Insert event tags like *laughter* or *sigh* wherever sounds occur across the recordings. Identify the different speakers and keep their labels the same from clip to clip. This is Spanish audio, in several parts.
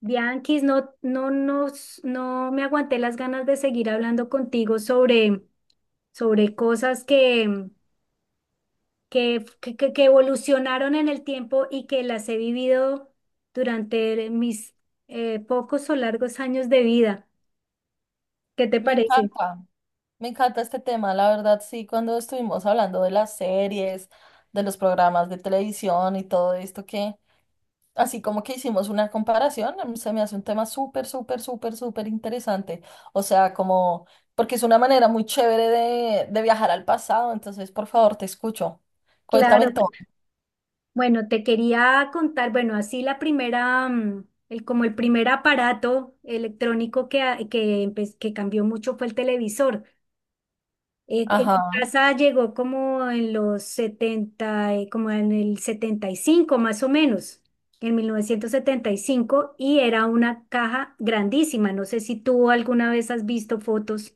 Speaker 1: Bianquis, no, no, no, no me aguanté las ganas de seguir hablando contigo sobre cosas que evolucionaron en el tiempo y que las he vivido durante mis pocos o largos años de vida. ¿Qué te
Speaker 2: Me
Speaker 1: parece?
Speaker 2: encanta, me encanta este tema, la verdad sí, cuando estuvimos hablando de las series, de los programas de televisión y todo esto así como que hicimos una comparación, a mí se me hace un tema súper interesante, o sea, como, porque es una manera muy chévere de viajar al pasado, entonces por favor te escucho, cuéntame
Speaker 1: Claro.
Speaker 2: todo.
Speaker 1: Bueno, te quería contar, bueno, así la primera, como el primer aparato electrónico que, a- que, empe- que cambió mucho fue el televisor. En
Speaker 2: Ajá.
Speaker 1: mi casa llegó como en los 70 como en el 75 más o menos, en 1975 y era una caja grandísima. No sé si tú alguna vez has visto fotos.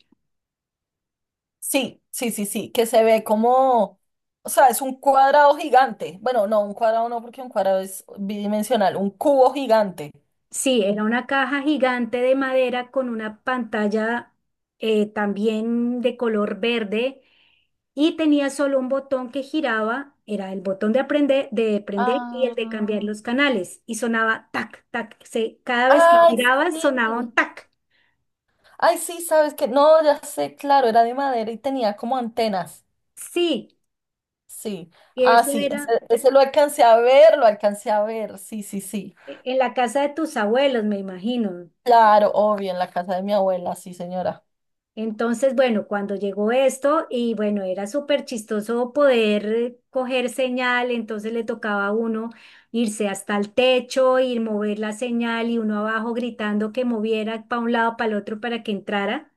Speaker 2: Sí, que se ve como, o sea, es un cuadrado gigante. Bueno, no, un cuadrado no, porque un cuadrado es bidimensional, un cubo gigante.
Speaker 1: Sí, era una caja gigante de madera con una pantalla también de color verde y tenía solo un botón que giraba, era el botón de aprender, de prender y el de cambiar
Speaker 2: Ah,
Speaker 1: los canales y sonaba tac, tac, cada vez que
Speaker 2: ay,
Speaker 1: giraba sonaba
Speaker 2: sí.
Speaker 1: un tac.
Speaker 2: Ay, sí, sabes que, no, ya sé, claro, era de madera y tenía como antenas.
Speaker 1: Sí,
Speaker 2: Sí.
Speaker 1: y
Speaker 2: Ah,
Speaker 1: eso
Speaker 2: sí,
Speaker 1: era
Speaker 2: ese lo alcancé a ver, lo alcancé a ver. Sí.
Speaker 1: en la casa de tus abuelos, me imagino.
Speaker 2: Claro, obvio, en la casa de mi abuela, sí, señora.
Speaker 1: Entonces, bueno, cuando llegó esto y bueno, era súper chistoso poder coger señal, entonces le tocaba a uno irse hasta el techo, ir mover la señal y uno abajo gritando que moviera para un lado, para el otro, para que entrara.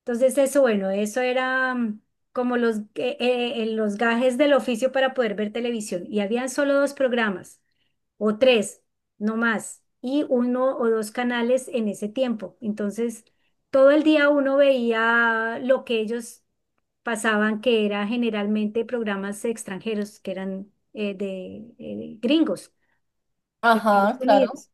Speaker 1: Entonces eso, bueno, eso era como los gajes del oficio para poder ver televisión. Y habían solo dos programas, o tres, no más, y uno o dos canales en ese tiempo. Entonces, todo el día uno veía lo que ellos pasaban, que era generalmente programas extranjeros, que eran de gringos, de
Speaker 2: Ajá,
Speaker 1: Estados
Speaker 2: claro.
Speaker 1: Unidos.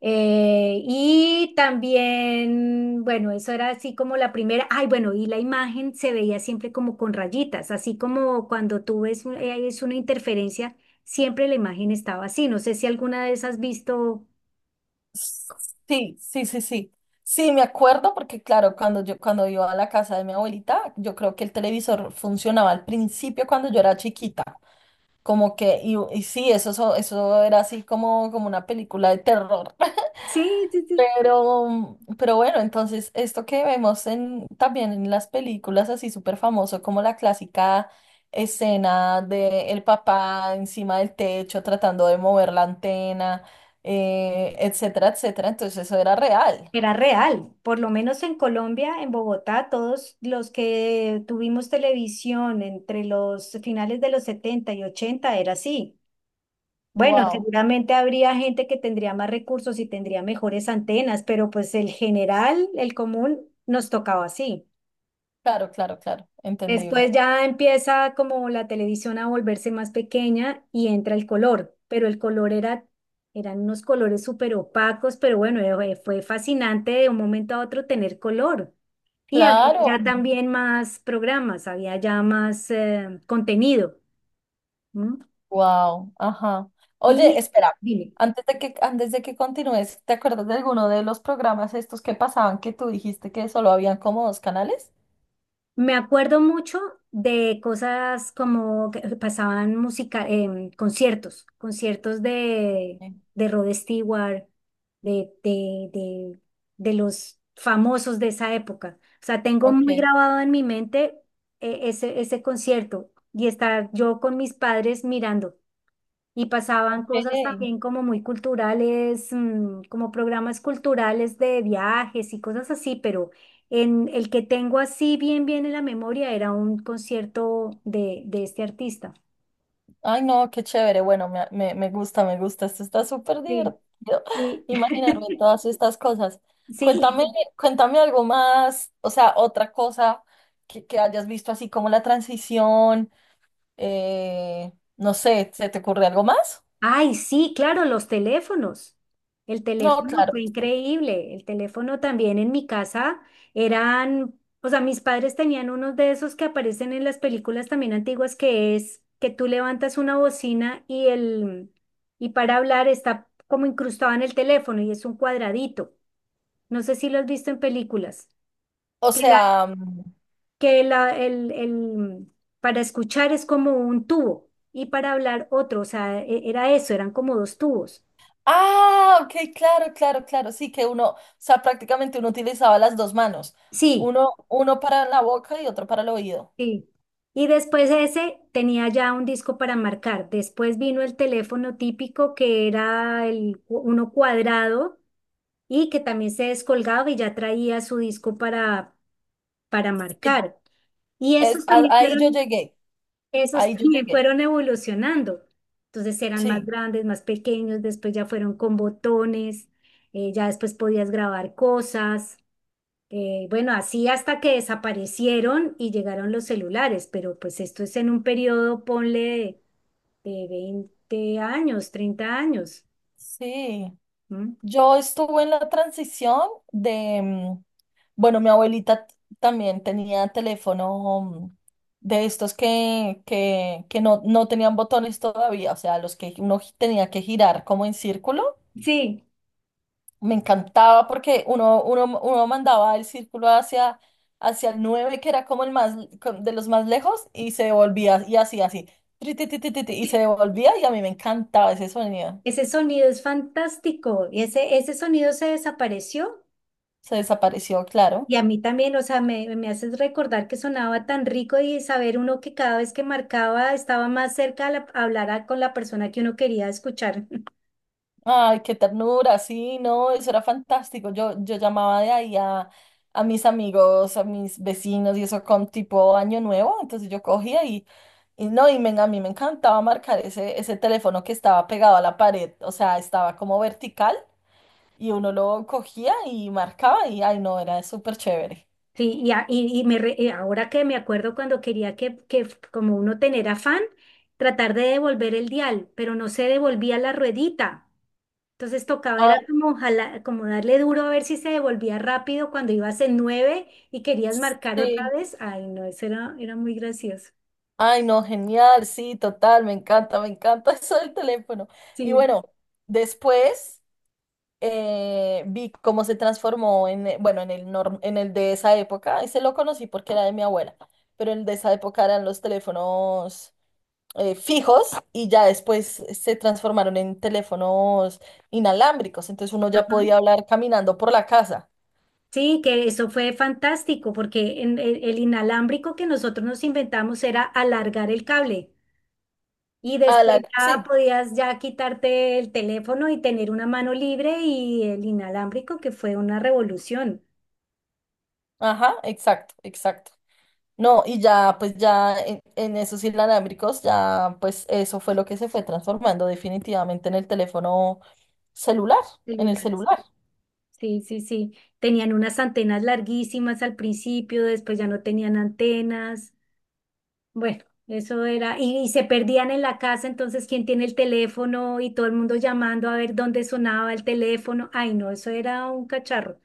Speaker 1: Y también, bueno, eso era así como la primera, ay, bueno, y la imagen se veía siempre como con rayitas, así como cuando tú ves es una interferencia, siempre la imagen estaba así. No sé si alguna vez has visto.
Speaker 2: Sí. Sí, me acuerdo porque claro, cuando iba a la casa de mi abuelita, yo creo que el televisor funcionaba al principio cuando yo era chiquita, como sí, eso era así como una película de terror.
Speaker 1: Sí, sí, sí.
Speaker 2: Pero bueno, entonces esto que vemos en, también en las películas así súper famoso, como la clásica escena de el papá encima del techo tratando de mover la antena, etcétera, etcétera. Entonces eso era real.
Speaker 1: Era real, por lo menos en Colombia, en Bogotá, todos los que tuvimos televisión entre los finales de los 70 y 80 era así. Bueno,
Speaker 2: Wow.
Speaker 1: seguramente habría gente que tendría más recursos y tendría mejores antenas, pero pues el general, el común, nos tocaba así.
Speaker 2: Claro. Entendible.
Speaker 1: Después ya empieza como la televisión a volverse más pequeña y entra el color, pero el color era, eran unos colores súper opacos, pero bueno, fue fascinante de un momento a otro tener color. Y había
Speaker 2: Claro.
Speaker 1: ya también más programas, había ya más contenido. ¿M?
Speaker 2: Wow. Ajá. Oye,
Speaker 1: Y
Speaker 2: espera.
Speaker 1: dime.
Speaker 2: Antes de que continúes, ¿te acuerdas de alguno de los programas estos que pasaban que tú dijiste que solo habían como dos canales?
Speaker 1: Me acuerdo mucho de cosas como que pasaban música, conciertos de Rod Stewart, de, de, de, de los famosos de esa época. O sea, tengo muy
Speaker 2: Ok,
Speaker 1: grabado en mi mente, ese concierto y estar yo con mis padres mirando. Y pasaban
Speaker 2: ok.
Speaker 1: cosas también como muy culturales, como programas culturales de viajes y cosas así, pero en el que tengo así bien, bien en la memoria era un concierto de este artista.
Speaker 2: Ay, no, qué chévere. Bueno, me gusta, me gusta. Esto está súper
Speaker 1: Sí.
Speaker 2: divertido. *laughs*
Speaker 1: Y
Speaker 2: Imaginarme todas estas cosas.
Speaker 1: sí.
Speaker 2: Cuéntame, cuéntame algo más, o sea, otra cosa que hayas visto así como la transición. eh, no sé, ¿se te ocurre algo más?
Speaker 1: Ay, sí, claro, los teléfonos. El
Speaker 2: No,
Speaker 1: teléfono
Speaker 2: claro.
Speaker 1: fue increíble. El teléfono también en mi casa eran, o sea, mis padres tenían unos de esos que aparecen en las películas también antiguas, que es que tú levantas una bocina y para hablar está como incrustado en el teléfono y es un cuadradito. No sé si lo has visto en películas.
Speaker 2: O
Speaker 1: Que la,
Speaker 2: sea,
Speaker 1: el para escuchar es como un tubo y para hablar otro, o sea, era eso, eran como dos tubos.
Speaker 2: ah, ok, claro. Sí, que uno, o sea, prácticamente uno utilizaba las dos manos.
Speaker 1: Sí.
Speaker 2: Uno, para la boca y otro para el oído.
Speaker 1: Sí. Y después ese tenía ya un disco para marcar. Después vino el teléfono típico que era el uno cuadrado y que también se descolgaba y ya traía su disco para
Speaker 2: Sí.
Speaker 1: marcar. Y
Speaker 2: Es,
Speaker 1: esos también
Speaker 2: ahí yo
Speaker 1: fueron,
Speaker 2: llegué,
Speaker 1: esos *laughs*
Speaker 2: ahí yo
Speaker 1: también
Speaker 2: llegué.
Speaker 1: fueron evolucionando. Entonces eran más
Speaker 2: Sí,
Speaker 1: grandes, más pequeños, después ya fueron con botones, ya después podías grabar cosas. Bueno, así hasta que desaparecieron y llegaron los celulares, pero pues esto es en un periodo, ponle, de 20 años, 30 años.
Speaker 2: sí.
Speaker 1: ¿M?
Speaker 2: Yo estuve en la transición de, mm, bueno, mi abuelita t- también tenía teléfono, de estos que no tenían botones todavía, o sea, los que uno gi- tenía que girar como en círculo.
Speaker 1: Sí,
Speaker 2: Me encantaba porque uno mandaba el círculo hacia el 9 que era como el más con- de los más lejos, y se devolvía, y así, así, tri, ti, ti, ti, ti, ti, y se devolvía, y a mí me encantaba ese sonido.
Speaker 1: ese sonido es fantástico. Y ese sonido se desapareció
Speaker 2: Se desapareció, claro.
Speaker 1: y a mí también, o sea, me haces recordar que sonaba tan rico y saber uno que cada vez que marcaba estaba más cerca a hablar con la persona que uno quería escuchar.
Speaker 2: Ay, qué ternura, sí, no, eso era fantástico. Yo llamaba de ahí a mis amigos, a mis vecinos, y eso con tipo año nuevo, entonces yo cogía y no, a mí me encantaba marcar ese teléfono que estaba pegado a la pared, o sea, estaba como vertical. Y uno lo cogía y marcaba y, ay, no, era súper chévere.
Speaker 1: Sí, y ahora que me acuerdo cuando quería que, como uno tener afán, tratar de devolver el dial, pero no se devolvía la ruedita. Entonces tocaba era
Speaker 2: Ah,
Speaker 1: como, como darle duro a ver si se devolvía rápido cuando ibas en nueve y querías marcar otra
Speaker 2: sí.
Speaker 1: vez. Ay, no, eso era, era muy gracioso.
Speaker 2: Ay, no, genial, sí, total, me encanta *laughs* eso del teléfono. Y
Speaker 1: Sí.
Speaker 2: bueno, después vi cómo se transformó en, bueno, en el norm- en el de esa época, ese lo conocí porque era de mi abuela, pero el de esa época eran los teléfonos fijos y ya después se transformaron en teléfonos inalámbricos, entonces uno ya
Speaker 1: Ajá.
Speaker 2: podía hablar caminando por la casa.
Speaker 1: Sí, que eso fue fantástico porque el inalámbrico que nosotros nos inventamos era alargar el cable. Y
Speaker 2: A
Speaker 1: después
Speaker 2: la, sí.
Speaker 1: ya podías ya quitarte el teléfono y tener una mano libre y el inalámbrico, que fue una revolución
Speaker 2: Ajá, exacto, exacto. No, y ya, pues ya en esos inalámbricos, ya, pues eso fue lo que se fue transformando definitivamente en el teléfono celular, en el
Speaker 1: celular.
Speaker 2: celular,
Speaker 1: Sí, sí, sí. Tenían unas antenas larguísimas al principio, después ya no tenían antenas. Bueno, eso era. Y se perdían en la casa, entonces, ¿quién tiene el teléfono? Y todo el mundo llamando a ver dónde sonaba el teléfono. Ay, no, eso era un cacharro.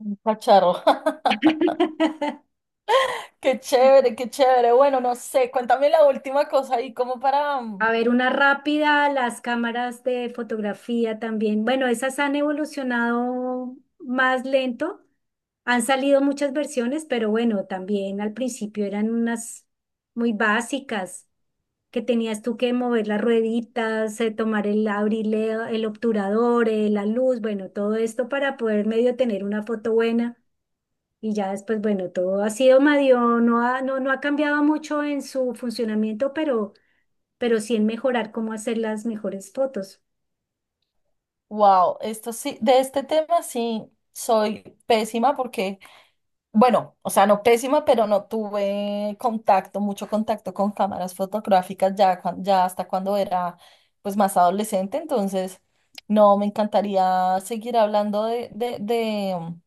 Speaker 2: un cacharro. *laughs*
Speaker 1: *laughs*
Speaker 2: Qué chévere, qué chévere. Bueno, no sé, cuéntame la última cosa ahí, como para,
Speaker 1: A ver, una rápida, las cámaras de fotografía también. Bueno, esas han evolucionado más lento. Han salido muchas versiones, pero bueno, también al principio eran unas muy básicas, que tenías tú que mover las rueditas, tomar abrirle el obturador, la luz, bueno, todo esto para poder medio tener una foto buena. Y ya después, bueno, todo ha sido medio, no ha cambiado mucho en su funcionamiento, pero sí en mejorar cómo hacer las mejores fotos.
Speaker 2: wow, esto sí, de este tema sí soy pésima porque bueno, o sea, no pésima, pero no tuve contacto, mucho contacto con cámaras fotográficas ya, cuan- ya hasta cuando era pues más adolescente, entonces no me encantaría seguir hablando de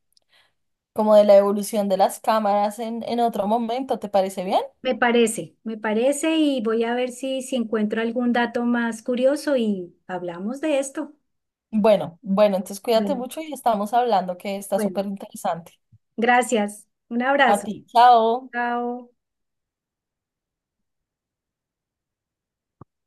Speaker 2: como de la evolución de las cámaras en otro momento, ¿te parece bien?
Speaker 1: Me parece y voy a ver si encuentro algún dato más curioso y hablamos de esto.
Speaker 2: Bueno, bueno, entonces cuídate
Speaker 1: Bueno,
Speaker 2: mucho y estamos hablando que está súper
Speaker 1: bueno,
Speaker 2: interesante.
Speaker 1: gracias. Un
Speaker 2: A
Speaker 1: abrazo.
Speaker 2: ti, chao.
Speaker 1: Chao.